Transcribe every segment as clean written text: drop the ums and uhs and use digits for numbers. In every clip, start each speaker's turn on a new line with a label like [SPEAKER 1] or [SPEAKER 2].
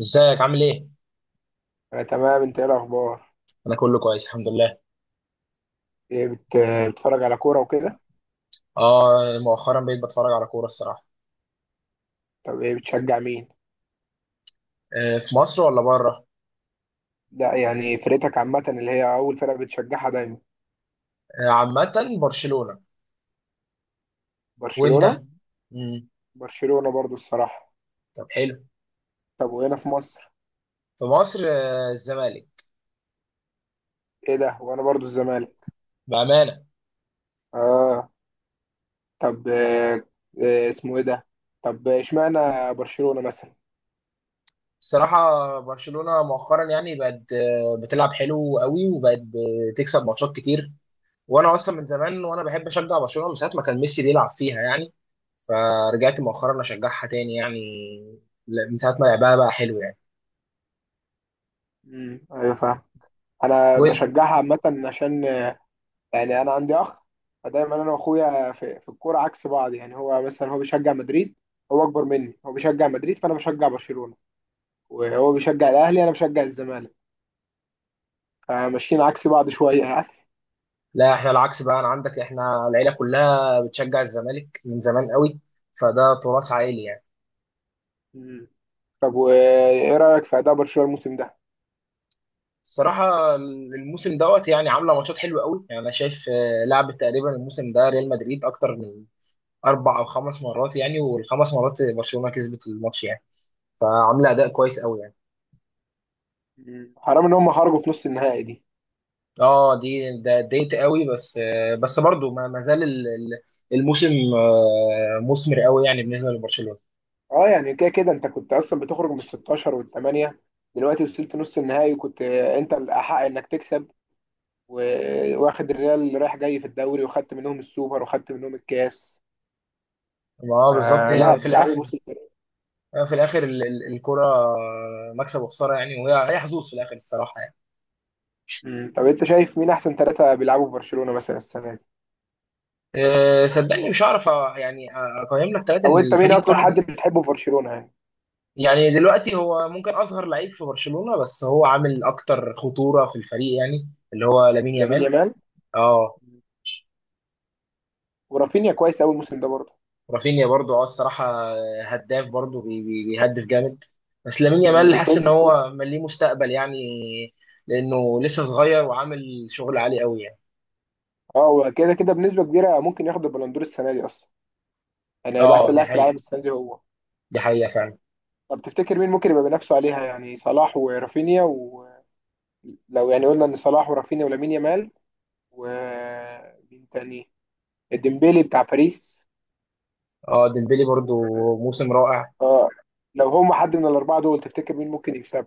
[SPEAKER 1] ازيك عامل ايه؟
[SPEAKER 2] أنا تمام، أنت إيه الأخبار؟
[SPEAKER 1] انا كله كويس الحمد لله.
[SPEAKER 2] إيه بتتفرج على كورة وكده؟
[SPEAKER 1] اه مؤخرا بقيت بتفرج على كورة الصراحة.
[SPEAKER 2] طب إيه بتشجع مين؟
[SPEAKER 1] آه في مصر ولا بره؟
[SPEAKER 2] لا يعني فرقتك عامة اللي هي أول فرقة بتشجعها دايما؟
[SPEAKER 1] آه عامة برشلونة. وانت؟
[SPEAKER 2] برشلونة؟
[SPEAKER 1] مم.
[SPEAKER 2] برشلونة برضو الصراحة.
[SPEAKER 1] طب حلو.
[SPEAKER 2] طب وهنا في مصر؟
[SPEAKER 1] في مصر الزمالك
[SPEAKER 2] إيه ده؟ وأنا برضو الزمالك.
[SPEAKER 1] بأمانة.
[SPEAKER 2] آه. طب، آه. اسمه إيه ده؟ طب إشمعنى برشلونة مثلا؟
[SPEAKER 1] الصراحة برشلونة مؤخرا يعني بقت بتلعب حلو قوي وبقت بتكسب ماتشات كتير. وانا اصلا من زمان وانا بحب اشجع برشلونة من ساعة ما كان ميسي بيلعب فيها يعني. فرجعت مؤخرا اشجعها تاني يعني لا، من ساعة ما لعبها بقى حلو
[SPEAKER 2] أيوة، فاهم. أنا
[SPEAKER 1] يعني.
[SPEAKER 2] بشجعها عامة عشان يعني انا عندي اخ، فدايما انا واخويا في الكوره عكس بعض، يعني هو مثلا هو بيشجع مدريد، هو اكبر مني، هو بيشجع مدريد فانا بشجع برشلونه، وهو بيشجع الاهلي انا بشجع الزمالك، فماشيين عكس بعض شويه يعني.
[SPEAKER 1] لا احنا العكس بقى انا عندك احنا العيله كلها بتشجع الزمالك من زمان قوي فده تراث عائلي يعني.
[SPEAKER 2] مم. طب وايه رايك في اداء برشلونه الموسم ده؟
[SPEAKER 1] الصراحه الموسم دوت يعني عامله ماتشات حلوه قوي يعني انا شايف لعبت تقريبا الموسم ده ريال مدريد اكتر من 4 أو 5 مرات يعني والخمس مرات برشلونه كسبت الماتش يعني فعامله اداء كويس قوي يعني.
[SPEAKER 2] مم. حرام ان هم خرجوا في نص النهائي دي.
[SPEAKER 1] اه دي ده اتضايقت قوي بس بس برضو ما زال الموسم مثمر قوي يعني بالنسبه لبرشلونه.
[SPEAKER 2] اه يعني كده كده انت كنت اصلا بتخرج من 16 والثمانيه، دلوقتي وصلت نص النهائي وكنت انت الاحق انك تكسب، واخد الريال اللي رايح جاي في الدوري وخدت منهم السوبر وخدت منهم الكاس.
[SPEAKER 1] ما هو بالظبط
[SPEAKER 2] آه،
[SPEAKER 1] هي
[SPEAKER 2] لا،
[SPEAKER 1] في
[SPEAKER 2] التعامل
[SPEAKER 1] الاخر
[SPEAKER 2] وصل كده.
[SPEAKER 1] يعني في الاخر الكرة مكسب وخسارة يعني وهي حظوظ في الاخر الصراحة يعني.
[SPEAKER 2] مم. طب انت شايف مين احسن ثلاثه بيلعبوا في برشلونه مثلا السنه دي؟
[SPEAKER 1] صدقني مش هعرف يعني اقيم لك ثلاثة
[SPEAKER 2] او
[SPEAKER 1] من
[SPEAKER 2] انت مين
[SPEAKER 1] الفريق
[SPEAKER 2] اكتر
[SPEAKER 1] كله.
[SPEAKER 2] حد بتحبه في برشلونه يعني؟
[SPEAKER 1] يعني دلوقتي هو ممكن اصغر لعيب في برشلونة بس هو عامل اكتر خطورة في الفريق يعني اللي هو لامين
[SPEAKER 2] لامين
[SPEAKER 1] يامال.
[SPEAKER 2] يامال.
[SPEAKER 1] اه
[SPEAKER 2] ورافينيا كويس قوي الموسم ده برضه.
[SPEAKER 1] رافينيا برضو الصراحة هداف برضو بيهدف جامد بس لامين
[SPEAKER 2] مم.
[SPEAKER 1] يامال حاسس
[SPEAKER 2] وفيت.
[SPEAKER 1] ان هو ليه مستقبل يعني. لانه لسه صغير وعامل شغل عالي قوي يعني.
[SPEAKER 2] اه وكده كده بنسبه كبيره ممكن ياخد البلندور السنه دي اصلا، يعني هيبقى
[SPEAKER 1] اه
[SPEAKER 2] احسن
[SPEAKER 1] دي
[SPEAKER 2] لاعب في العالم
[SPEAKER 1] حقيقة
[SPEAKER 2] السنه دي هو.
[SPEAKER 1] دي حقيقة فعلا.
[SPEAKER 2] طب تفتكر مين ممكن يبقى بنفسه عليها، يعني صلاح ورافينيا ولو، يعني قلنا ان صلاح ورافينيا ولامين يامال، ومين تاني؟ الديمبيلي بتاع باريس
[SPEAKER 1] اه ديمبلي برضو
[SPEAKER 2] و...
[SPEAKER 1] موسم رائع.
[SPEAKER 2] اه. لو هم حد من الاربعه دول تفتكر مين ممكن يكسب؟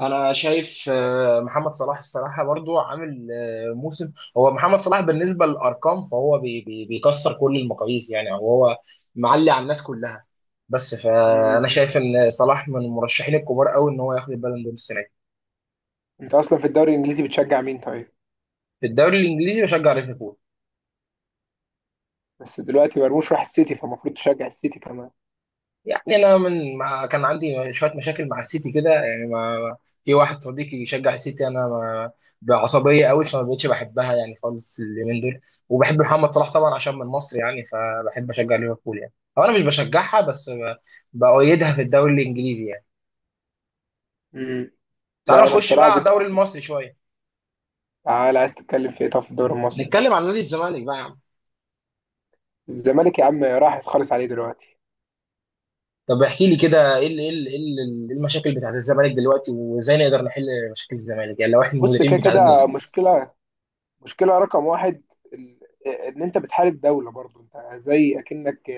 [SPEAKER 1] انا شايف محمد صلاح الصراحه برضو عامل موسم. هو محمد صلاح بالنسبه للارقام فهو بي بي بيكسر كل المقاييس يعني أو هو معلي على الناس كلها بس
[SPEAKER 2] مم.
[SPEAKER 1] فانا شايف ان صلاح من المرشحين الكبار قوي ان هو ياخد البالون دور السنه دي.
[SPEAKER 2] انت اصلا في الدوري الانجليزي بتشجع مين طيب؟
[SPEAKER 1] في الدوري الانجليزي بشجع ليفربول.
[SPEAKER 2] بس دلوقتي مرموش راح السيتي فالمفروض تشجع السيتي كمان.
[SPEAKER 1] يعني انا من ما كان عندي شويه مشاكل مع السيتي كده يعني ما في واحد صديقي يشجع السيتي انا ما بعصبيه قوي فما بقتش بحبها يعني خالص اليومين دول. وبحب محمد صلاح طبعا عشان من مصر يعني فبحب اشجع ليفربول يعني هو انا مش بشجعها بس بأيدها في الدوري الانجليزي يعني.
[SPEAKER 2] مم.
[SPEAKER 1] تعالى
[SPEAKER 2] لا انا
[SPEAKER 1] نخش بقى
[SPEAKER 2] الصراحه
[SPEAKER 1] على الدوري المصري شويه.
[SPEAKER 2] تعالى عايز تتكلم في ايه؟ طب في الدوري المصري؟
[SPEAKER 1] نتكلم عن نادي الزمالك بقى يا عم.
[SPEAKER 2] الزمالك يا عم راح خالص عليه دلوقتي.
[SPEAKER 1] طب احكي لي كده إيه المشاكل بتاعت الزمالك دلوقتي وازاي نقدر نحل مشاكل الزمالك يعني لو احنا
[SPEAKER 2] بص
[SPEAKER 1] المديرين
[SPEAKER 2] كده
[SPEAKER 1] بتاع النادي.
[SPEAKER 2] كده مشكله، مشكله رقم واحد، ال- ان انت بتحارب دوله، برضو انت زي اكنك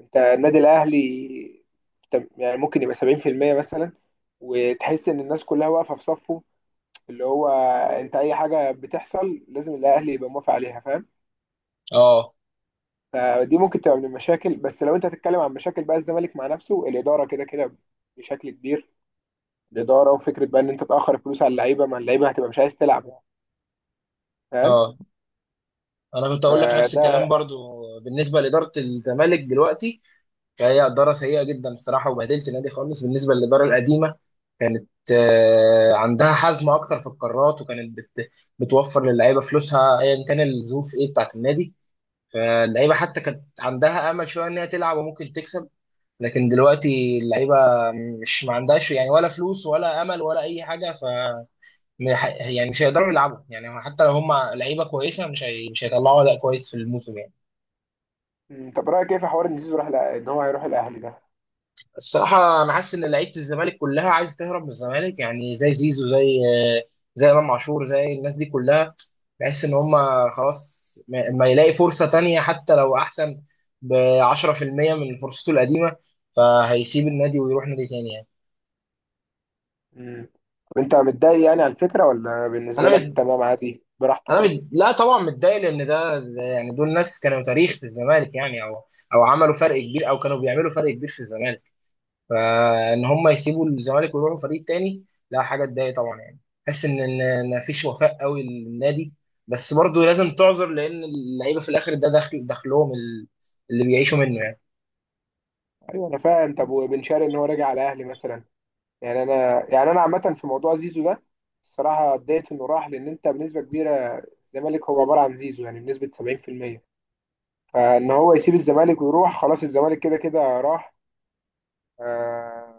[SPEAKER 2] انت النادي الاهلي، يعني ممكن يبقى 70% مثلا، وتحس ان الناس كلها واقفه في صفه، اللي هو انت اي حاجه بتحصل لازم الاهلي يبقى موافق عليها، فاهم؟
[SPEAKER 1] اه،
[SPEAKER 2] فدي ممكن تبقى من المشاكل، بس لو انت هتتكلم عن مشاكل بقى الزمالك مع نفسه الاداره كده كده بشكل كبير، الاداره وفكره بقى ان انت تاخر الفلوس على اللعيبه، ما اللعيبه هتبقى مش عايز تلعب يعني، فاهم؟
[SPEAKER 1] اه، انا كنت اقول لك نفس الكلام
[SPEAKER 2] فده.
[SPEAKER 1] برضو بالنسبه لاداره الزمالك دلوقتي. فهي اداره سيئه جدا الصراحه وبهدلت النادي خالص. بالنسبه للاداره القديمه كانت عندها حزم اكتر في القرارات وكانت بتوفر للعيبه فلوسها ايا كان الظروف ايه بتاعت النادي. فاللعيبه حتى كانت عندها امل شويه ان هي تلعب وممكن تكسب. لكن دلوقتي اللعيبه مش ما عندهاش يعني، ولا فلوس ولا امل ولا اي حاجه، ف يعني مش هيقدروا يلعبوا يعني حتى لو هم لعيبه كويسه مش هيطلعوا اداء كويس في الموسم يعني.
[SPEAKER 2] مم، طب رايك ايه في حوار ان زيزو راح ان هو هيروح الاهلي ده؟
[SPEAKER 1] الصراحة أنا حاسس إن لعيبة الزمالك كلها عايزة تهرب من الزمالك يعني زي زيزو آه، زي إمام عاشور زي الناس دي كلها. بحس إن هما خلاص ما يلاقي فرصة تانية حتى لو أحسن ب 10% من فرصته القديمة. فهيسيب النادي ويروح نادي تاني يعني.
[SPEAKER 2] مم. طب انت متضايق يعني على الفكره ولا
[SPEAKER 1] أنا
[SPEAKER 2] بالنسبه لك
[SPEAKER 1] مد...
[SPEAKER 2] تمام عادي براحته؟
[SPEAKER 1] لا طبعا متضايق لأن ده يعني دول ناس كانوا تاريخ في الزمالك يعني، أو عملوا فرق كبير أو كانوا بيعملوا فرق كبير في الزمالك. فان هم يسيبوا الزمالك ويروحوا فريق تاني لا حاجه تضايق طبعا يعني. حس ان ما فيش وفاء قوي للنادي. بس برضه لازم تعذر لان اللعيبه في الاخر دخل دخلهم اللي بيعيشوا منه يعني.
[SPEAKER 2] ايوه انا فاهم. طب وبن شرقي ان هو راجع على الاهلي مثلا، يعني انا، يعني انا عامه في موضوع زيزو ده الصراحه اتضايقت انه راح، لان انت بنسبه كبيره الزمالك هو عباره عن زيزو، يعني بنسبه 70%، فان هو يسيب الزمالك ويروح خلاص الزمالك كده كده راح. آه،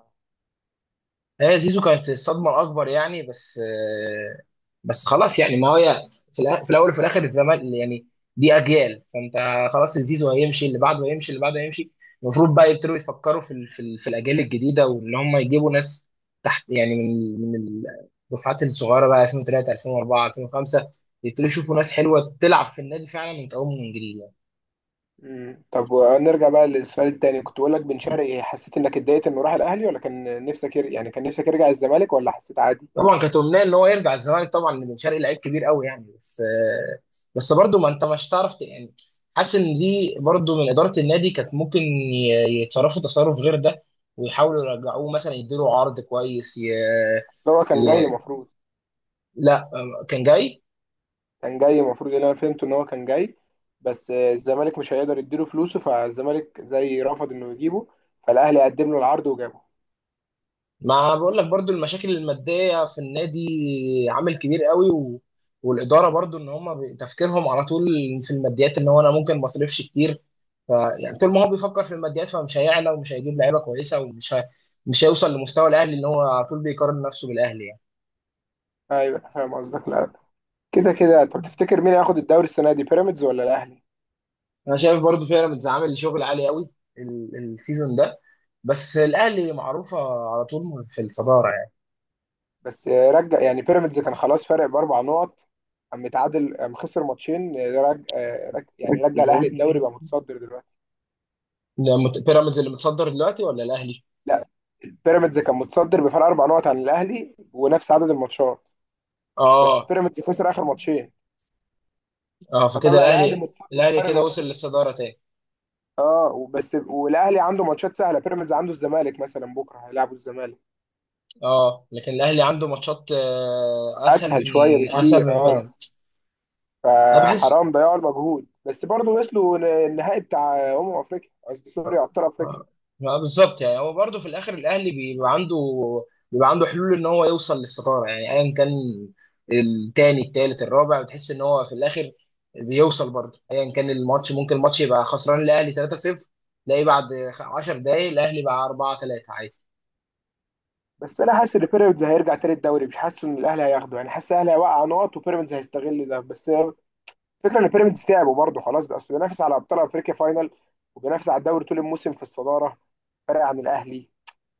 [SPEAKER 1] هي زيزو كانت الصدمة الأكبر يعني بس خلاص يعني ما هي في الأول وفي الآخر الزمان يعني. دي أجيال فأنت خلاص زيزو هيمشي اللي بعده هيمشي اللي بعده هيمشي. المفروض بقى يبتدوا يفكروا في الأجيال الجديدة واللي هم يجيبوا ناس تحت يعني من الدفعات الصغيرة بقى 2003 2004 2005. يبتدوا يشوفوا ناس حلوة تلعب في النادي فعلا وتقوم من جديد يعني.
[SPEAKER 2] مم. طب نرجع بقى للسؤال التاني كنت بقول لك بن شرقي، حسيت انك اتضايقت انه راح الاهلي ولا كان نفسك يعني كان نفسك يرجع الزمالك ولا حسيت عادي؟
[SPEAKER 1] طبعا كانت امنيه ان هو يرجع الزمالك طبعا، بن شرقي لعيب كبير قوي يعني بس برضه ما انت مش تعرف يعني. حاسس ان دي برضه من اداره النادي كانت ممكن يتصرفوا تصرف غير ده. ويحاولوا يرجعوه مثلا يديله عرض كويس
[SPEAKER 2] لو هو
[SPEAKER 1] ي...
[SPEAKER 2] كان جاي المفروض،
[SPEAKER 1] لا كان جاي.
[SPEAKER 2] كان جاي المفروض اللي انا فهمته ان هو كان جاي، بس الزمالك مش هيقدر يديله فلوسه، فالزمالك زي رفض انه يجيبه، فالاهلي قدم له العرض وجابه.
[SPEAKER 1] ما بقول لك برضو المشاكل المادية في النادي عامل كبير قوي والإدارة برضو إن هم تفكيرهم على طول في الماديات إن هو أنا ممكن ما أصرفش كتير. ف... يعني طول ما هو بيفكر في الماديات فمش هيعلى ومش هيجيب لعيبة كويسة مش هيوصل لمستوى الأهلي إن هو على طول بيقارن نفسه بالأهلي يعني.
[SPEAKER 2] ايوه، فاهم قصدك. لا كده كده،
[SPEAKER 1] بس
[SPEAKER 2] طب تفتكر مين هياخد الدوري السنه دي بيراميدز ولا الاهلي؟
[SPEAKER 1] أنا شايف برضو بيراميدز عامل شغل عالي قوي السيزون ده. بس الأهلي معروفة على طول في الصدارة يعني.
[SPEAKER 2] بس رجع يعني بيراميدز كان خلاص فارق باربع نقط، قام متعادل، قام خسر ماتشين، يعني رجع الاهلي الدوري بقى متصدر دلوقتي.
[SPEAKER 1] بيراميدز اللي متصدر دلوقتي ولا الأهلي؟
[SPEAKER 2] لا، بيراميدز كان متصدر بفارق اربع نقط عن الاهلي ونفس عدد الماتشات، بس
[SPEAKER 1] اه،
[SPEAKER 2] بيراميدز خسر اخر ماتشين،
[SPEAKER 1] اه، فكده
[SPEAKER 2] فطلع الاهلي
[SPEAKER 1] الاهلي
[SPEAKER 2] متصدر، فرق
[SPEAKER 1] كده وصل
[SPEAKER 2] نقطتين.
[SPEAKER 1] للصداره تاني.
[SPEAKER 2] اه بس والاهلي عنده ماتشات سهله، بيراميدز عنده الزمالك مثلا بكره هيلعبوا الزمالك.
[SPEAKER 1] اه لكن الاهلي عنده ماتشات اسهل من
[SPEAKER 2] اسهل شويه بكتير، اه.
[SPEAKER 1] بيراميدز. انا بحس
[SPEAKER 2] فحرام ضياع المجهود بس برضه وصلوا النهائي بتاع افريقيا، قصدي سوري، ابطال افريقيا.
[SPEAKER 1] آه، بالظبط يعني هو برضه في الاخر الاهلي بيبقى عنده حلول ان هو يوصل للصداره يعني ايا كان التاني التالت الرابع، بتحس ان هو في الاخر بيوصل برضه ايا كان الماتش. ممكن الماتش يبقى خسران الاهلي 3-0 تلاقيه بعد 10 دقايق الاهلي بقى 4-3 عادي.
[SPEAKER 2] بس انا حاسس ان بيراميدز هيرجع تاني الدوري، مش حاسس ان الاهلي هياخده، يعني حاسس الاهلي هيوقع نقط وبيراميدز هيستغل ده، بس الفكره ان بيراميدز تعبوا برضه خلاص بقى، اصل بينافس على ابطال افريقيا فاينل وبينافس على الدوري طول الموسم في الصداره فرق عن الاهلي،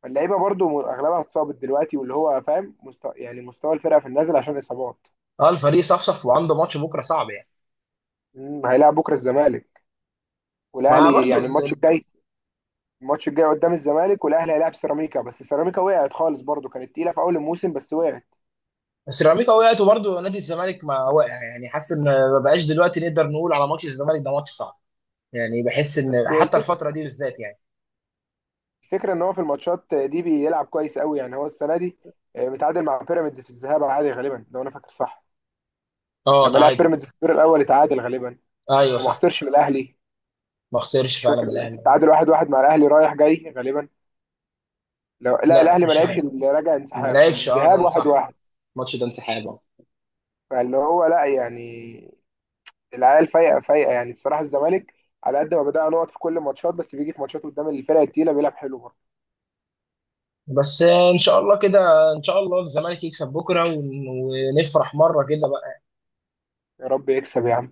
[SPEAKER 2] فاللعيبه برضه اغلبها اتصابت دلوقتي، واللي هو فاهم مستوى يعني مستوى الفرقه في النازل عشان اصابات.
[SPEAKER 1] اه الفريق صفصف وعنده ماتش بكره صعب يعني.
[SPEAKER 2] مم، هيلاعب بكره الزمالك
[SPEAKER 1] ما
[SPEAKER 2] والاهلي،
[SPEAKER 1] برضه
[SPEAKER 2] يعني الماتش الجاي، الماتش الجاي قدام الزمالك، والاهلي هيلاعب سيراميكا، بس سيراميكا وقعت خالص برضه، كانت تقيله في اول الموسم بس وقعت.
[SPEAKER 1] بس سيراميكا وقعت وبرضه نادي الزمالك ما وقع، يعني حاسس ان ما بقاش دلوقتي نقدر نقول على ماتش الزمالك ده ماتش صعب يعني بحس ان
[SPEAKER 2] بس
[SPEAKER 1] حتى
[SPEAKER 2] الفكره
[SPEAKER 1] الفتره دي بالذات يعني.
[SPEAKER 2] الفكره ان هو في الماتشات دي بيلعب كويس قوي يعني هو السنه دي، متعادل مع بيراميدز في الذهاب عادي غالبا لو انا فاكر صح.
[SPEAKER 1] اه
[SPEAKER 2] لما لعب
[SPEAKER 1] تعادل.
[SPEAKER 2] بيراميدز في الدور الاول اتعادل غالبا،
[SPEAKER 1] ايوه
[SPEAKER 2] وما
[SPEAKER 1] صح.
[SPEAKER 2] خسرش من الاهلي.
[SPEAKER 1] ما خسرش
[SPEAKER 2] مش
[SPEAKER 1] فعلا
[SPEAKER 2] فاكر،
[SPEAKER 1] من الاهلي.
[SPEAKER 2] التعادل 1-1 مع الاهلي رايح جاي غالبا، لو لا
[SPEAKER 1] لا
[SPEAKER 2] الاهلي ما
[SPEAKER 1] مش
[SPEAKER 2] لعبش
[SPEAKER 1] عارف.
[SPEAKER 2] اللي راجع
[SPEAKER 1] ما
[SPEAKER 2] انسحاب
[SPEAKER 1] لعبش، اه،
[SPEAKER 2] الذهاب
[SPEAKER 1] ده
[SPEAKER 2] واحد
[SPEAKER 1] صح.
[SPEAKER 2] واحد
[SPEAKER 1] الماتش ده انسحاب.
[SPEAKER 2] فاللي هو لا يعني، العيال فايقه فايقه يعني الصراحه الزمالك، على قد ما بدأ نقط في كل الماتشات بس بيجي في ماتشات قدام الفرق التقيله بيلعب حلو برضه.
[SPEAKER 1] بس ان شاء الله كده، ان شاء الله الزمالك يكسب بكره ونفرح مره كده بقى.
[SPEAKER 2] يا رب يكسب يا عم.